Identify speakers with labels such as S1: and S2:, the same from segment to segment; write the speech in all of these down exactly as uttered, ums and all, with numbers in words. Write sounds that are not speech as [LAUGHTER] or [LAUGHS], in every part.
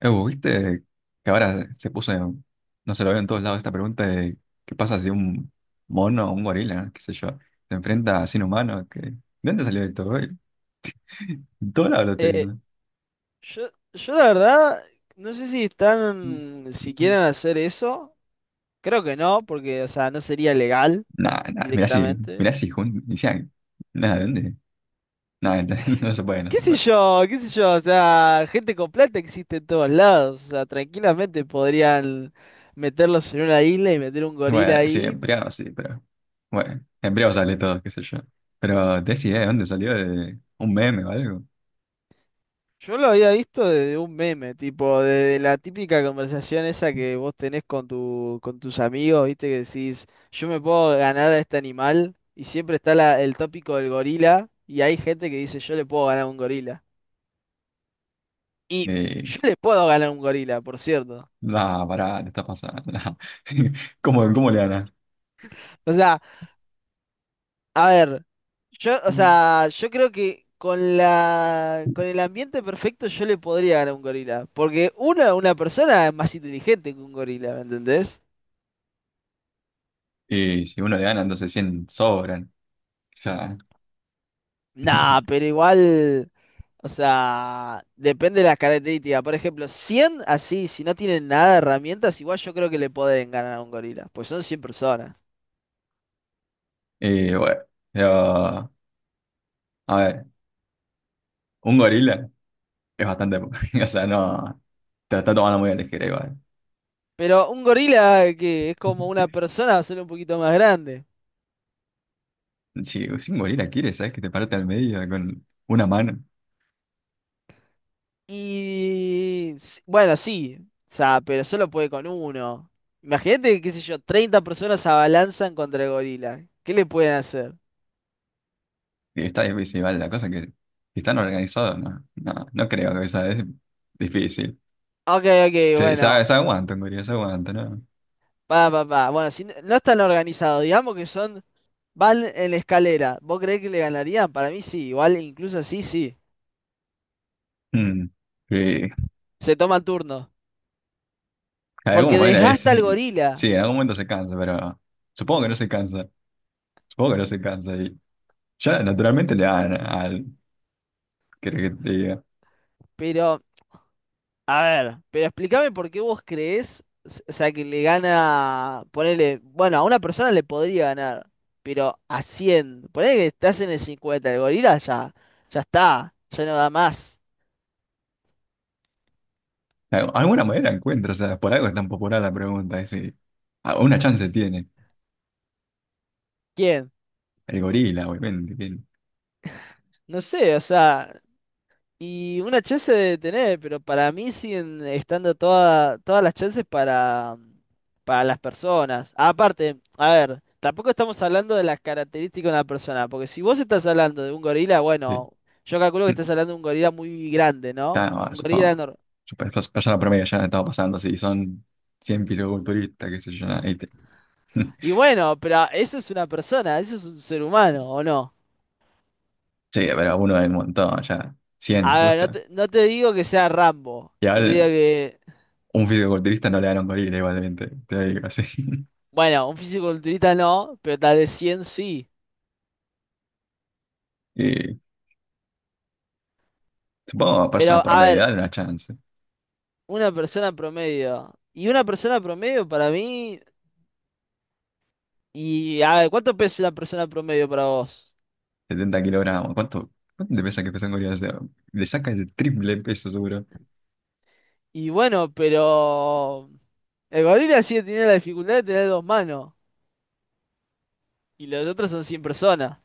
S1: Ew, ¿viste que ahora se puso, en- no se lo veo en todos lados esta pregunta de qué pasa si un mono o un gorila, qué sé yo, se enfrenta a sin humano? Que, ¿de dónde salió esto? ¿Eh? En todos lados lo estoy
S2: Eh,
S1: viendo.
S2: yo, yo la verdad, no sé si están, si quieren hacer eso. Creo que no, porque, o sea, no sería legal
S1: Nada, nada, mirá si,
S2: directamente.
S1: mirá si jun- inician. Nada, ¿de dónde? Nada, [LAUGHS] no se puede, no
S2: ¿Qué
S1: se
S2: sé
S1: puede.
S2: yo? ¿Qué sé yo? O sea, gente con plata existe en todos lados. O sea, tranquilamente podrían meterlos en una isla y meter un gorila
S1: Bueno, sí,
S2: ahí.
S1: embriago sí, pero bueno, embriago sale todo, qué sé yo. Pero te idea de dónde salió, de un meme o algo.
S2: Yo lo había visto desde un meme, tipo, de la típica conversación esa que vos tenés con tu, con tus amigos, viste, que decís, yo me puedo ganar a este animal, y siempre está la- el tópico del gorila, y hay gente que dice, yo le puedo ganar a un gorila. Y
S1: Eh,
S2: yo le puedo ganar a un gorila, por cierto.
S1: nada, pará, te está pasando. [LAUGHS] ¿Cómo, cómo le ganas?
S2: O sea, a ver, yo, o
S1: Mm.
S2: sea, yo creo que con la, con el ambiente perfecto yo le podría ganar a un gorila, porque una, una persona es más inteligente que un gorila, ¿me entendés?
S1: Y si uno le gana, entonces cien sobran. Ya.
S2: Nah,
S1: [LAUGHS]
S2: pero igual. O sea, depende de las características. Por ejemplo, cien así, si no tienen nada de herramientas, igual yo creo que le pueden ganar a un gorila, pues son cien personas.
S1: Y bueno, pero, a ver, un gorila es bastante, po- [LAUGHS] o sea, no, te la está tomando muy a la ligera igual.
S2: Pero un gorila que es como
S1: [LAUGHS]
S2: una persona va a ser un poquito más grande.
S1: Si, si un gorila quiere, ¿sabes? Que te parte al medio con una mano.
S2: Y s- bueno, sí, o sea, pero solo puede con uno. Imagínate, qué sé yo, treinta personas se abalanzan contra el gorila. ¿Qué le pueden hacer?
S1: Y está difícil, igual, la cosa que si están organizados, no, no, no creo que sea es difícil.
S2: Ok, ok,
S1: Se, se,
S2: bueno.
S1: se aguanta un gorila, se aguanta, ¿no?
S2: Pa, pa, pa. Bueno, si n- no están organizados, digamos que son. Van en la escalera. ¿Vos creés que le ganarían? Para mí sí, igual, incluso así sí.
S1: Mm. Y en
S2: Se toma turno.
S1: algún
S2: Porque
S1: momento, eh,
S2: desgasta al
S1: sí
S2: gorila.
S1: sí, en algún momento se cansa, pero supongo que no se cansa. Supongo que no se cansa. Ya naturalmente le dan al. ¿Querés que te diga?
S2: Pero, a ver, pero explícame por qué vos creés, s- o sea, que le gana, ponele, bueno, a una persona le podría ganar, pero a cien, ponele que estás en el cincuenta, el gorila ya, ya está, ya no da más.
S1: Al- Alguna manera encuentra, o sea, por algo es tan popular la pregunta. Es, decir, ah, una chance tiene.
S2: ¿Quién?
S1: El gorila, obviamente. Que-
S2: No sé, o sea, y una chance de tener, pero para mí siguen estando toda- todas las chances para, para las personas. Aparte, a ver, tampoco estamos hablando de las características de una persona, porque si vos estás hablando de un gorila,
S1: sí.
S2: bueno, yo calculo que estás hablando de un gorila muy grande, ¿no?
S1: Está, ah,
S2: Un gorila
S1: supongo.
S2: enorme.
S1: super- Persona promedio ya estaba pasando, si son cien fisiculturistas, qué sé yo. Nada, ¿viste?
S2: Y
S1: [LAUGHS]
S2: bueno, pero eso es una persona, eso es un ser humano, ¿o no?
S1: Sí, pero uno del montón, ya. Cien
S2: A ver, no
S1: justo.
S2: te, no te digo que sea Rambo,
S1: Y
S2: no te
S1: ahora
S2: digo que...
S1: un fisiculturista no le dan a un gorila, igualmente. Te digo así. [LAUGHS]
S2: Bueno, un fisiculturista no, pero tal vez cien sí.
S1: Y supongo a personas
S2: Pero, a
S1: promedio,
S2: ver,
S1: dale una chance.
S2: una persona promedio. Y una persona promedio para mí. Y a ver, ¿cuánto pesa una persona promedio para vos?
S1: Setenta kilogramos. ¿Cuánto, cuánto te pesa
S2: S-
S1: que pesan gorilas? O sea, le saca el triple peso seguro.
S2: Y bueno, pero. El gorila sigue teniendo la dificultad de tener dos manos. Y los otros son cien personas.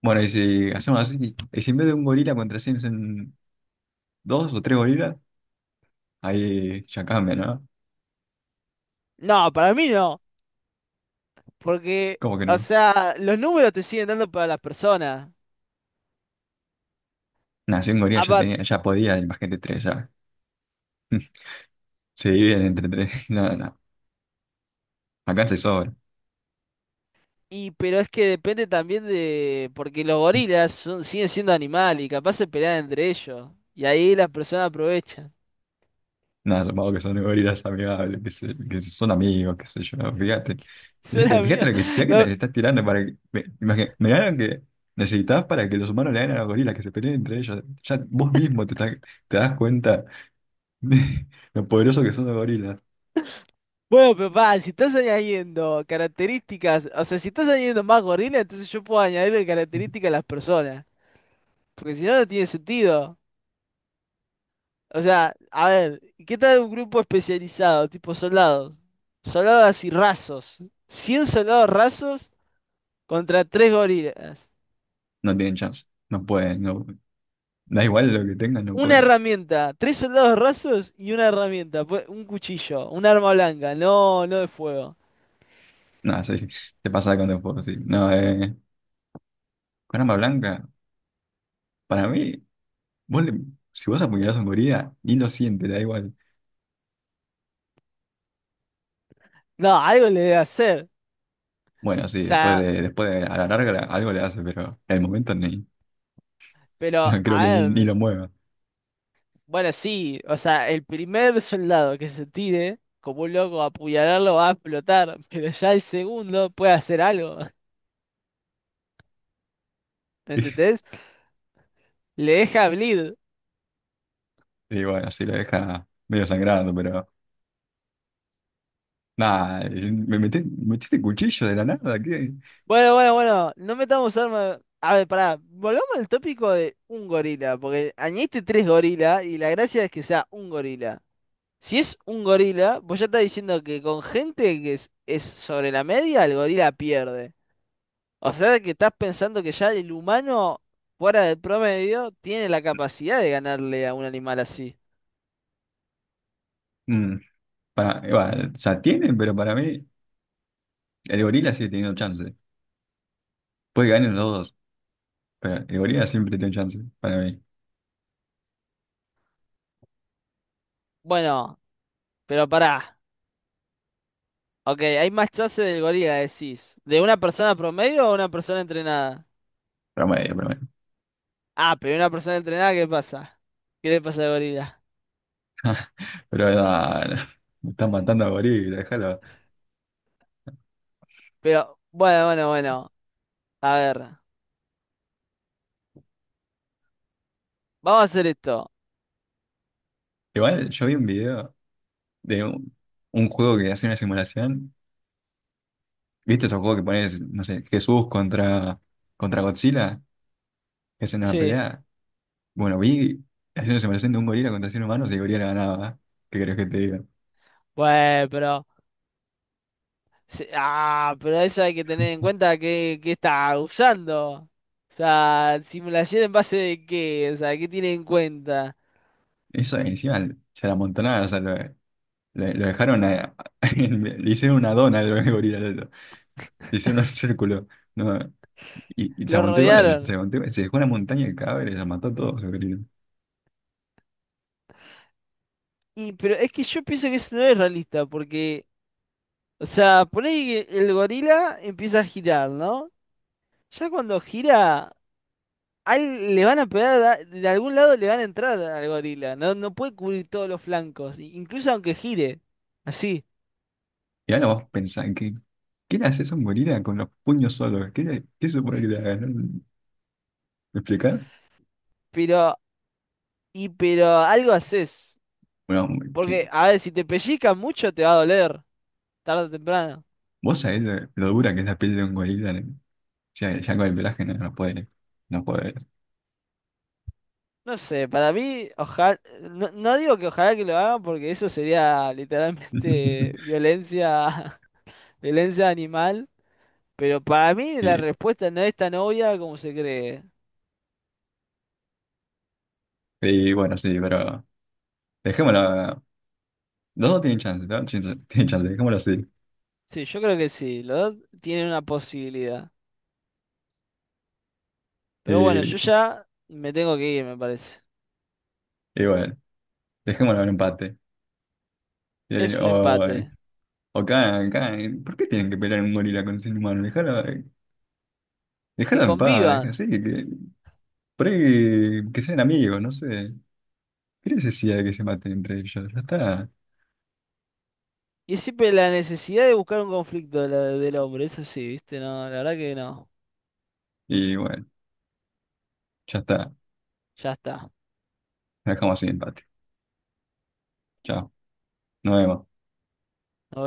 S1: Bueno, y si hacemos así, y si en vez de un gorila contra en dos o tres gorilas, ahí ya cambia, ¿no?
S2: No, para mí no. Porque,
S1: ¿Cómo que
S2: o
S1: no?
S2: sea, los números te siguen dando para las personas.
S1: Nada, si un gorila ya
S2: Apa-
S1: tenía, ya podía, imagínate tres, ya. [LAUGHS] Se dividen entre tres. [LAUGHS] No, no. Acá se sobra.
S2: y, pero es que depende también de. Porque los gorilas son, siguen siendo animales y capaz se pelean entre ellos. Y ahí las personas aprovechan.
S1: Nada, supongo que son gorilas amigables, que, se- que son amigos, qué sé yo, fíjate.
S2: [LAUGHS] Suena
S1: Fíjate, fíjate
S2: mío.
S1: lo que, fíjate que te estás tirando para que. me- imagi- Mirá lo que necesitabas para que los humanos le ganen a los gorilas, que se peleen entre ellos. Ya vos mismo te, estás- te das cuenta de lo poderosos que son los gorilas.
S2: Bueno, pero pa, si estás añadiendo características, o sea, si estás añadiendo más gorila, entonces yo puedo añadirle características a las personas, porque si no, no tiene sentido. O sea, a ver, ¿qué tal un grupo especializado, tipo soldados? Soldados así rasos. Cien soldados rasos contra tres gorilas.
S1: No tienen chance, no pueden, no, da igual lo que tengan, no
S2: Una
S1: pueden.
S2: herramienta, tres soldados rasos y una herramienta, pues, un cuchillo, un arma blanca, no, no de fuego.
S1: No, sí, sí, te pasa con el fuego, sí. No, eh, con arma blanca, para mí, vos le- si vos apuñalás a un gorila, ni lo siente, le da igual.
S2: No, algo le debe hacer.
S1: Bueno, sí,
S2: O
S1: después
S2: sea,
S1: de, después de, a la larga la- algo le hace, pero en el momento ni,
S2: pero
S1: no creo que
S2: a
S1: ni, ni lo
S2: ver.
S1: mueva.
S2: Bueno, sí, o sea, el primer soldado que se tire, como un loco a apuñalarlo, va a explotar, [LAUGHS] pero ya el segundo puede hacer algo. [LAUGHS] ¿Me
S1: [LAUGHS]
S2: entendés? Le deja bleed.
S1: Y bueno, sí lo deja medio sangrando, pero nada, me metí- metiste cuchillo de la nada, ¿qué?
S2: Bueno, bueno, bueno, no metamos armas. A ver, pará, volvamos al tópico de un gorila, porque añadiste tres gorilas y la gracia es que sea un gorila. Si es un gorila, vos ya estás diciendo que con gente que es, es sobre la media, el gorila pierde. O sea que estás pensando que ya el humano, fuera del promedio, tiene la capacidad de ganarle a un animal así.
S1: Mm, para, igual, o sea, tienen, pero para mí el gorila sigue teniendo chance. Puede ganar los dos, pero el gorila siempre tiene chance, para mí.
S2: Bueno, pero pará. Ok, hay más chance del gorila, decís. ¿De una persona promedio o una persona entrenada?
S1: Promedio, promedio.
S2: Ah, pero una persona entrenada, ¿qué pasa? ¿Qué le pasa al gorila?
S1: [LAUGHS] Pero nada, me están matando a gorila, déjalo.
S2: Pero, bueno, bueno, bueno. A ver, vamos a hacer esto.
S1: Igual yo vi un video de un, un juego que hace una simulación. ¿Viste esos juegos que pones, no sé, Jesús contra, contra Godzilla? Que hacen una
S2: Sí.
S1: pelea. Bueno, vi hacer una separación de un gorila contra cien humanos y el gorila ganaba. ¿Eh? ¿Qué crees que te diga?
S2: Bueno, pero sí. Ah, pero eso hay que tener en cuenta que, que está usando. O sea, simulación en base de qué, o sea, ¿qué tiene en cuenta?
S1: Eso encima se la amontonaron, o sea, lo, lo- lo dejaron, a- [LAUGHS] le hicieron una dona al gorila, lo- lo- le hicieron un círculo. No, y, y se
S2: ¿Lo
S1: aguantó igual, se
S2: rodearon?
S1: aguantó igual. Se dejó una montaña de cadáveres, la mató a todos el gorila.
S2: Y, pero es que yo pienso que eso no es realista, porque, o sea, poné que el gorila empieza a girar, ¿no? Ya cuando gira, al- le van a pegar, a- de algún lado le van a entrar al gorila, no, no puede cubrir todos los flancos, i- incluso aunque gire, así,
S1: Y ahora vos pensás, ¿qué, qué le haces a un gorila con los puños solos? ¿Qué, le- qué supone que le hagas? ¿No? ¿Me explicás?
S2: pero, y, pero algo haces.
S1: Bueno,
S2: Porque, a ver, si te pellizcan mucho te va a doler, tarde o temprano.
S1: vos sabés lo, lo dura que es la piel de un gorila, ¿no? O sea, ya con el pelaje no, no puede, no puede.
S2: No sé, para mí, ojalá, no, no digo que ojalá que lo hagan porque eso sería literalmente
S1: [LAUGHS]
S2: violencia, [LAUGHS] violencia animal, pero para mí la
S1: Y,
S2: respuesta no es tan obvia como se cree.
S1: y bueno, sí, pero dejémoslo. Los dos tienen chance, ¿no? Tienen [LAUGHS] tienen chance, dejémoslo así.
S2: Sí, yo creo que sí, los dos tienen una posibilidad. Pero bueno,
S1: Y,
S2: yo ya me tengo que ir, me parece.
S1: y bueno, dejémoslo en empate. Y-
S2: Es un
S1: O,
S2: empate.
S1: o cada, cada- ¿Por qué tienen que pelear un gorila con un ser humano? Dejarlo,
S2: Que
S1: dejarlo en paz, deja-
S2: convivan.
S1: sí, que, por ahí que sean amigos, no sé. ¿Qué necesidad de que se maten entre ellos? Ya está.
S2: Y es siempre la necesidad de buscar un conflicto de la- del hombre, es así, ¿viste? No, la verdad que no.
S1: Y bueno, ya está.
S2: Ya está.
S1: Dejamos así el empate. Chao. Nos vemos.
S2: Nos